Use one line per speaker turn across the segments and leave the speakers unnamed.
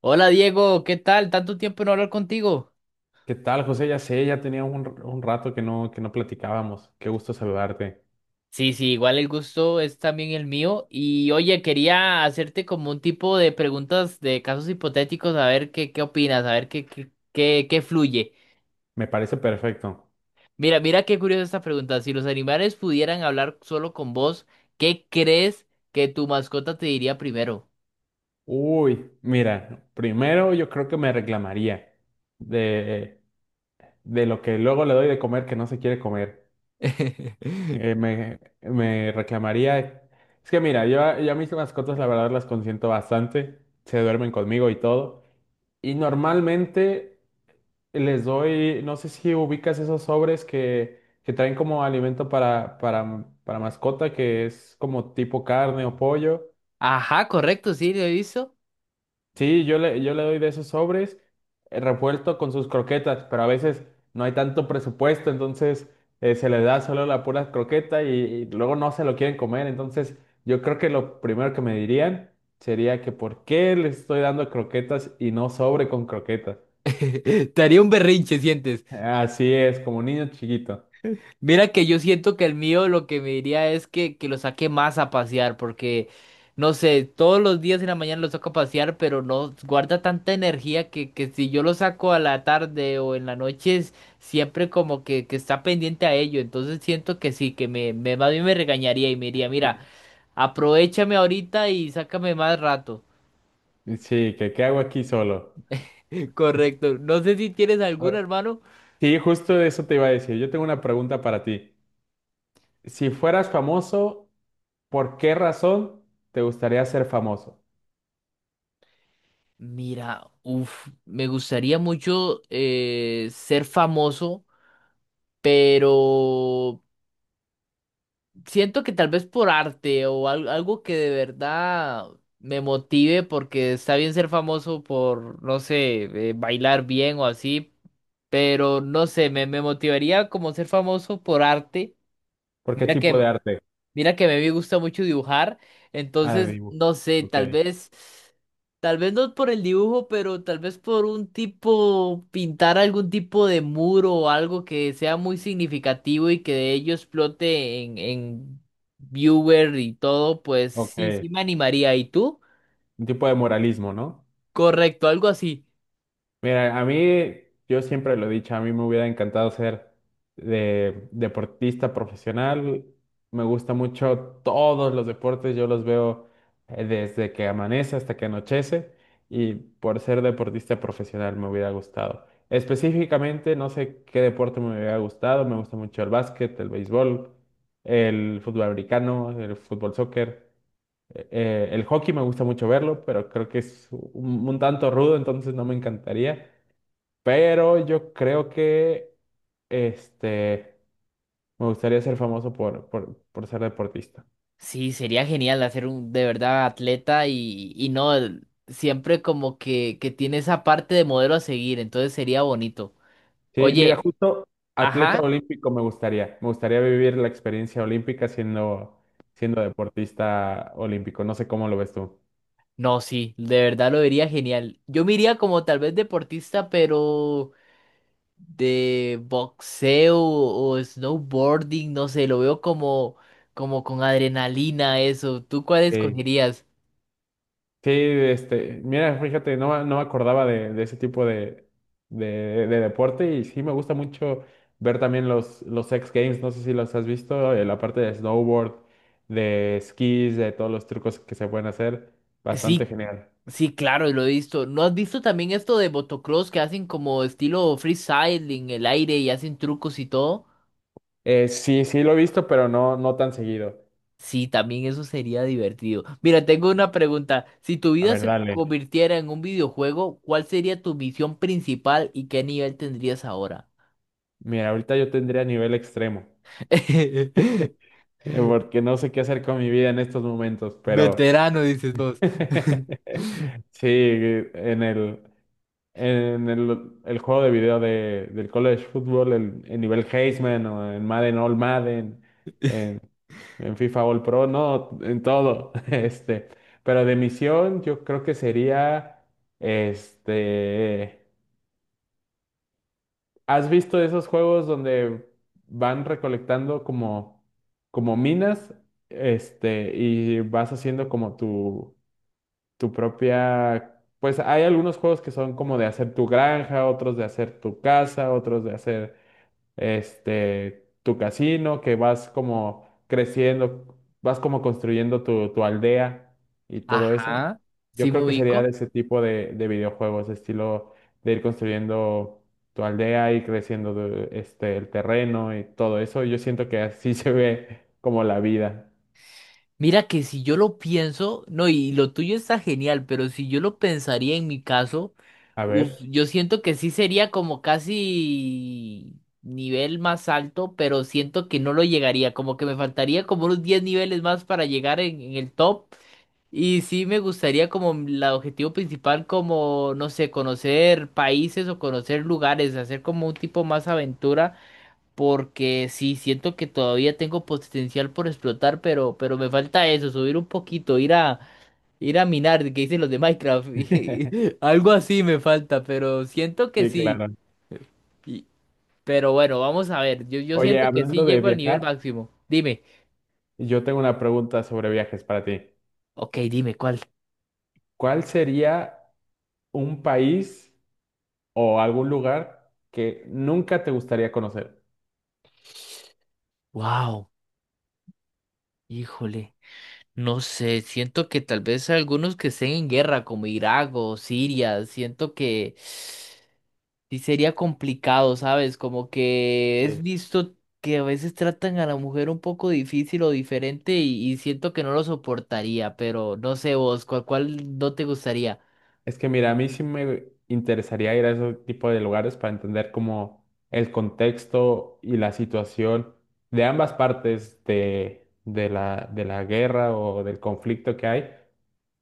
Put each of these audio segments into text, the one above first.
Hola Diego, ¿qué tal? Tanto tiempo no hablar contigo.
¿Qué tal, José? Ya sé, ya tenía un rato que no platicábamos. Qué gusto saludarte.
Sí, sí, igual el gusto es también el mío. Y oye, quería hacerte como un tipo de preguntas de casos hipotéticos, a ver qué opinas, a ver qué fluye.
Me parece perfecto.
Mira, mira qué curiosa esta pregunta. Si los animales pudieran hablar solo con vos, ¿qué crees que tu mascota te diría primero?
Uy, mira, primero yo creo que me reclamaría de, de lo que luego le doy de comer que no se quiere comer. Me reclamaría. Es que mira, yo a mis mascotas, la verdad, las consiento bastante. Se duermen conmigo y todo. Y normalmente les doy, no sé si ubicas esos sobres que traen como alimento para mascota, que es como tipo carne o pollo.
Ajá, correcto, sí, lo he visto.
Sí, yo le doy de esos sobres, revuelto con sus croquetas, pero a veces no hay tanto presupuesto, entonces se le da solo la pura croqueta y luego no se lo quieren comer. Entonces yo creo que lo primero que me dirían sería que por qué les estoy dando croquetas y no sobre con croquetas.
Te haría un berrinche.
Así es, como niño chiquito.
Mira que yo siento que el mío lo que me diría es que lo saque más a pasear, porque no sé, todos los días en la mañana lo saco a pasear, pero no guarda tanta energía que si yo lo saco a la tarde o en la noche, es siempre como que está pendiente a ello. Entonces siento que sí, que me más bien me regañaría y me diría, mira, aprovechame ahorita y sácame más rato.
Sí, que qué hago aquí solo.
Correcto. No sé si tienes algún
Ah,
hermano.
sí, justo de eso te iba a decir. Yo tengo una pregunta para ti. Si fueras famoso, ¿por qué razón te gustaría ser famoso?
Mira, uff, me gustaría mucho ser famoso, pero siento que tal vez por arte o algo que de verdad me motive, porque está bien ser famoso por, no sé, bailar bien o así, pero no sé, me motivaría como ser famoso por arte.
¿Por qué
Mira
tipo de
que
arte?
Mira que a mí me gusta mucho dibujar,
Ah, de
entonces
dibujo.
no sé,
Ok,
tal vez no por el dibujo, pero tal vez por un tipo, pintar algún tipo de muro o algo que sea muy significativo y que de ello explote en viewer y todo, pues sí,
ok.
sí me animaría. ¿Y tú?
Un tipo de moralismo, ¿no?
Correcto, algo así.
Mira, a mí, yo siempre lo he dicho, a mí me hubiera encantado ser de deportista profesional. Me gusta mucho todos los deportes, yo los veo, desde que amanece hasta que anochece, y por ser deportista profesional me hubiera gustado. Específicamente, no sé qué deporte me hubiera gustado, me gusta mucho el básquet, el béisbol, el fútbol americano, el fútbol soccer. El hockey me gusta mucho verlo, pero creo que es un tanto rudo, entonces no me encantaría. Pero yo creo que, este, me gustaría ser famoso por, por ser deportista.
Sí, sería genial hacer un de verdad atleta y no, siempre como que tiene esa parte de modelo a seguir, entonces sería bonito.
Sí, mira,
Oye.
justo atleta
Ajá,
olímpico me gustaría. Me gustaría vivir la experiencia olímpica siendo deportista olímpico. No sé cómo lo ves tú.
no, sí, de verdad lo vería genial. Yo me iría como tal vez deportista, pero de boxeo o snowboarding, no sé, lo veo como, como con adrenalina, eso. ¿Tú cuál
Sí.
escogerías?
Sí, este, mira, fíjate, no me acordaba de ese tipo de deporte, y sí me gusta mucho ver también los X Games, no sé si los has visto. La parte de snowboard, de esquís, de todos los trucos que se pueden hacer, bastante
Sí,
genial.
sí, claro, lo he visto. ¿No has visto también esto de motocross que hacen como estilo freestyle en el aire y hacen trucos y todo?
Sí, sí lo he visto, pero no, no tan seguido.
Sí, también eso sería divertido. Mira, tengo una pregunta. Si tu
A
vida
ver,
se
dale.
convirtiera en un videojuego, ¿cuál sería tu misión principal y qué nivel tendrías ahora?
Mira, ahorita yo tendría nivel extremo,
Pero,
porque no sé qué hacer con mi vida en estos momentos, pero
veterano, dices vos.
sí, en el... En el juego de video del college football, el nivel Heisman, o en Madden All Madden, en, en FIFA All Pro, no, en todo. Pero de misión, yo creo que sería, este, ¿has visto esos juegos donde van recolectando como, como minas, este, y vas haciendo como tu tu propia? Pues hay algunos juegos que son como de hacer tu granja, otros de hacer tu casa, otros de hacer, este, tu casino, que vas como creciendo, vas como construyendo tu aldea y todo eso.
Ajá, sí
Yo
me
creo que sería de
ubico.
ese tipo de videojuegos, estilo de ir construyendo tu aldea y creciendo de- este, el terreno y todo eso. Yo siento que así se ve como la vida.
Mira que si yo lo pienso, no, y lo tuyo está genial, pero si yo lo pensaría en mi caso,
A
uf,
ver.
yo siento que sí sería como casi nivel más alto, pero siento que no lo llegaría, como que me faltaría como unos 10 niveles más para llegar en el top. Y sí me gustaría como el objetivo principal, como, no sé, conocer países o conocer lugares, hacer como un tipo más aventura porque sí, siento que todavía tengo potencial por explotar, pero me falta eso, subir un poquito, ir a minar, que dicen los de Minecraft, y algo así me falta, pero siento que
Sí,
sí,
claro.
y- pero bueno, vamos a ver, yo
Oye,
siento que sí
hablando de
llego al nivel
viajar.
máximo, dime,
Yo tengo una pregunta sobre viajes para ti.
ok, dime, ¿cuál?
¿Cuál sería un país o algún lugar que nunca te gustaría conocer?
Wow, híjole, no sé, siento que tal vez algunos que estén en guerra, como Irak o Siria, siento que… Sí sería complicado, ¿sabes? Como que es
Sí.
visto que a veces tratan a la mujer un poco difícil o diferente y siento que no lo soportaría, pero no sé vos, ¿cuál no te gustaría?
Es que mira, a mí sí me interesaría ir a ese tipo de lugares para entender como el contexto y la situación de ambas partes de de la guerra o del conflicto que hay,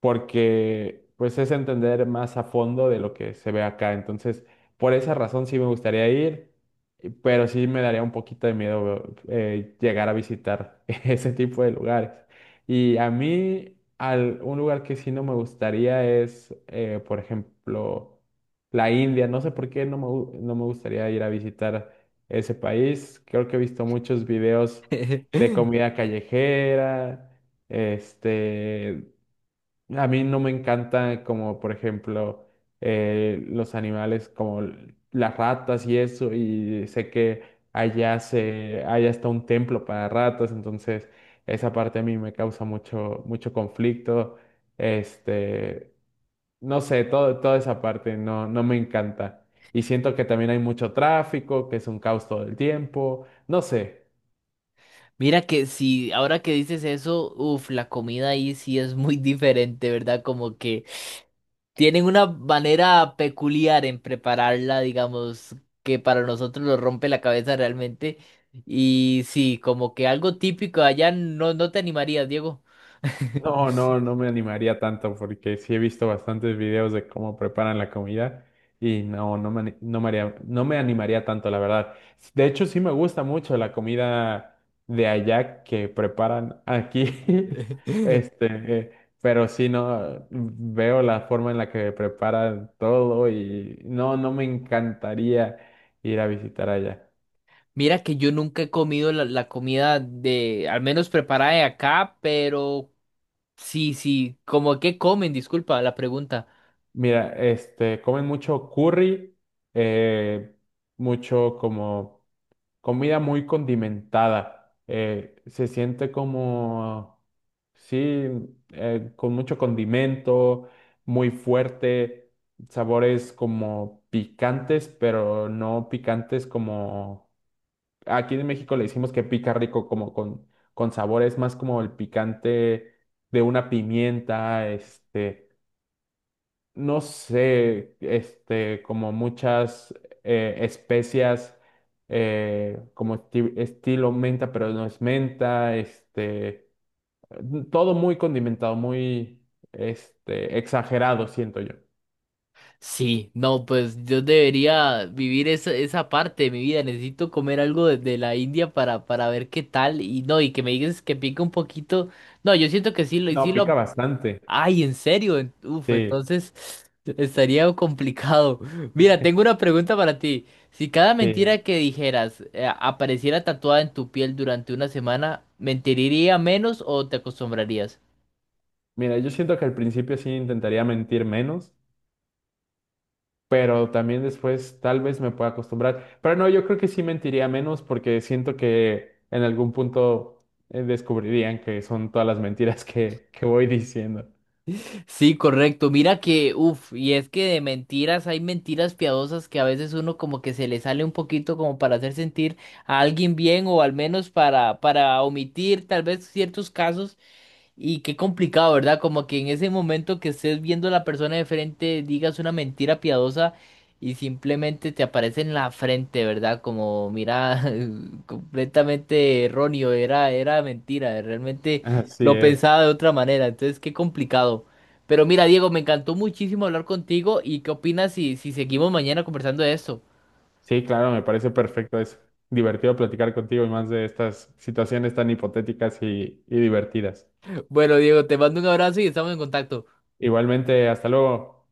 porque pues es entender más a fondo de lo que se ve acá. Entonces, por esa razón sí me gustaría ir, y- pero sí me daría un poquito de miedo, llegar a visitar ese tipo de lugares. Y a mí, al, un lugar que sí no me gustaría es, por ejemplo, la India. No sé por qué no me gustaría ir a visitar ese país. Creo que he visto muchos videos de comida callejera. Este, a mí no me encanta como, por ejemplo, los animales como las ratas y eso, y sé que allá está un templo para ratas, entonces esa parte a mí me causa mucho, mucho conflicto. Este, no sé, todo, toda esa parte no, no me encanta. Y siento que también hay mucho tráfico, que es un caos todo el tiempo, no sé.
Mira que si ahora que dices eso, uff, la comida ahí sí es muy diferente, ¿verdad? Como que tienen una manera peculiar en prepararla, digamos, que para nosotros nos rompe la cabeza realmente. Y sí, como que algo típico allá no, no te animarías, Diego.
No, no, no me animaría tanto porque sí he visto bastantes videos de cómo preparan la comida, y no, no me, ani- no me haría- no me animaría tanto, la verdad. De hecho, sí me gusta mucho la comida de allá que preparan aquí, este, eh, pero sí no veo la forma en la que preparan todo, y no, no me encantaría ir a visitar allá.
Mira que yo nunca he comido la comida de, al menos preparada de acá, pero sí, sí, como que comen, disculpa la pregunta.
Mira, este, comen mucho curry, eh, mucho como comida muy condimentada. Se siente como, sí, con mucho condimento, muy fuerte, sabores como picantes, pero no picantes como, aquí en México le decimos que pica rico, como con sabores más como el picante de una pimienta, este, no sé, este, como muchas, especias, como estilo menta, pero no es menta, este, todo muy condimentado, muy, este, exagerado, siento yo.
Sí, no, pues yo debería vivir esa parte de mi vida. Necesito comer algo de la India para ver qué tal. Y no, y que me digas que pica un poquito. No, yo siento que sí
No,
lo…
pica bastante.
Ay, ¿en serio? Uf,
Sí,
entonces estaría complicado. Mira, tengo una pregunta para ti. Si cada mentira
sí.
que dijeras apareciera tatuada en tu piel durante una semana, ¿mentiría menos o te acostumbrarías?
Mira, yo siento que al principio sí intentaría mentir menos, pero también después tal vez me pueda acostumbrar. Pero no, yo creo que sí mentiría menos, porque siento que en algún punto, descubrirían que son todas las mentiras que voy diciendo.
Sí, correcto. Mira que, uff, y es que de mentiras hay mentiras piadosas que a veces uno como que se le sale un poquito como para hacer sentir a alguien bien o al menos para omitir tal vez ciertos casos. Y qué complicado, ¿verdad? Como que en ese momento que estés viendo a la persona de frente, digas una mentira piadosa y simplemente te aparece en la frente, ¿verdad? Como, mira, completamente erróneo, era mentira, realmente
Así
lo
es.
pensaba de otra manera, entonces qué complicado. Pero mira, Diego, me encantó muchísimo hablar contigo y qué opinas si seguimos mañana conversando de esto.
Sí, claro, me parece perfecto. Es divertido platicar contigo, y más de estas situaciones tan hipotéticas y divertidas.
Bueno, Diego, te mando un abrazo y estamos en contacto.
Igualmente, hasta luego.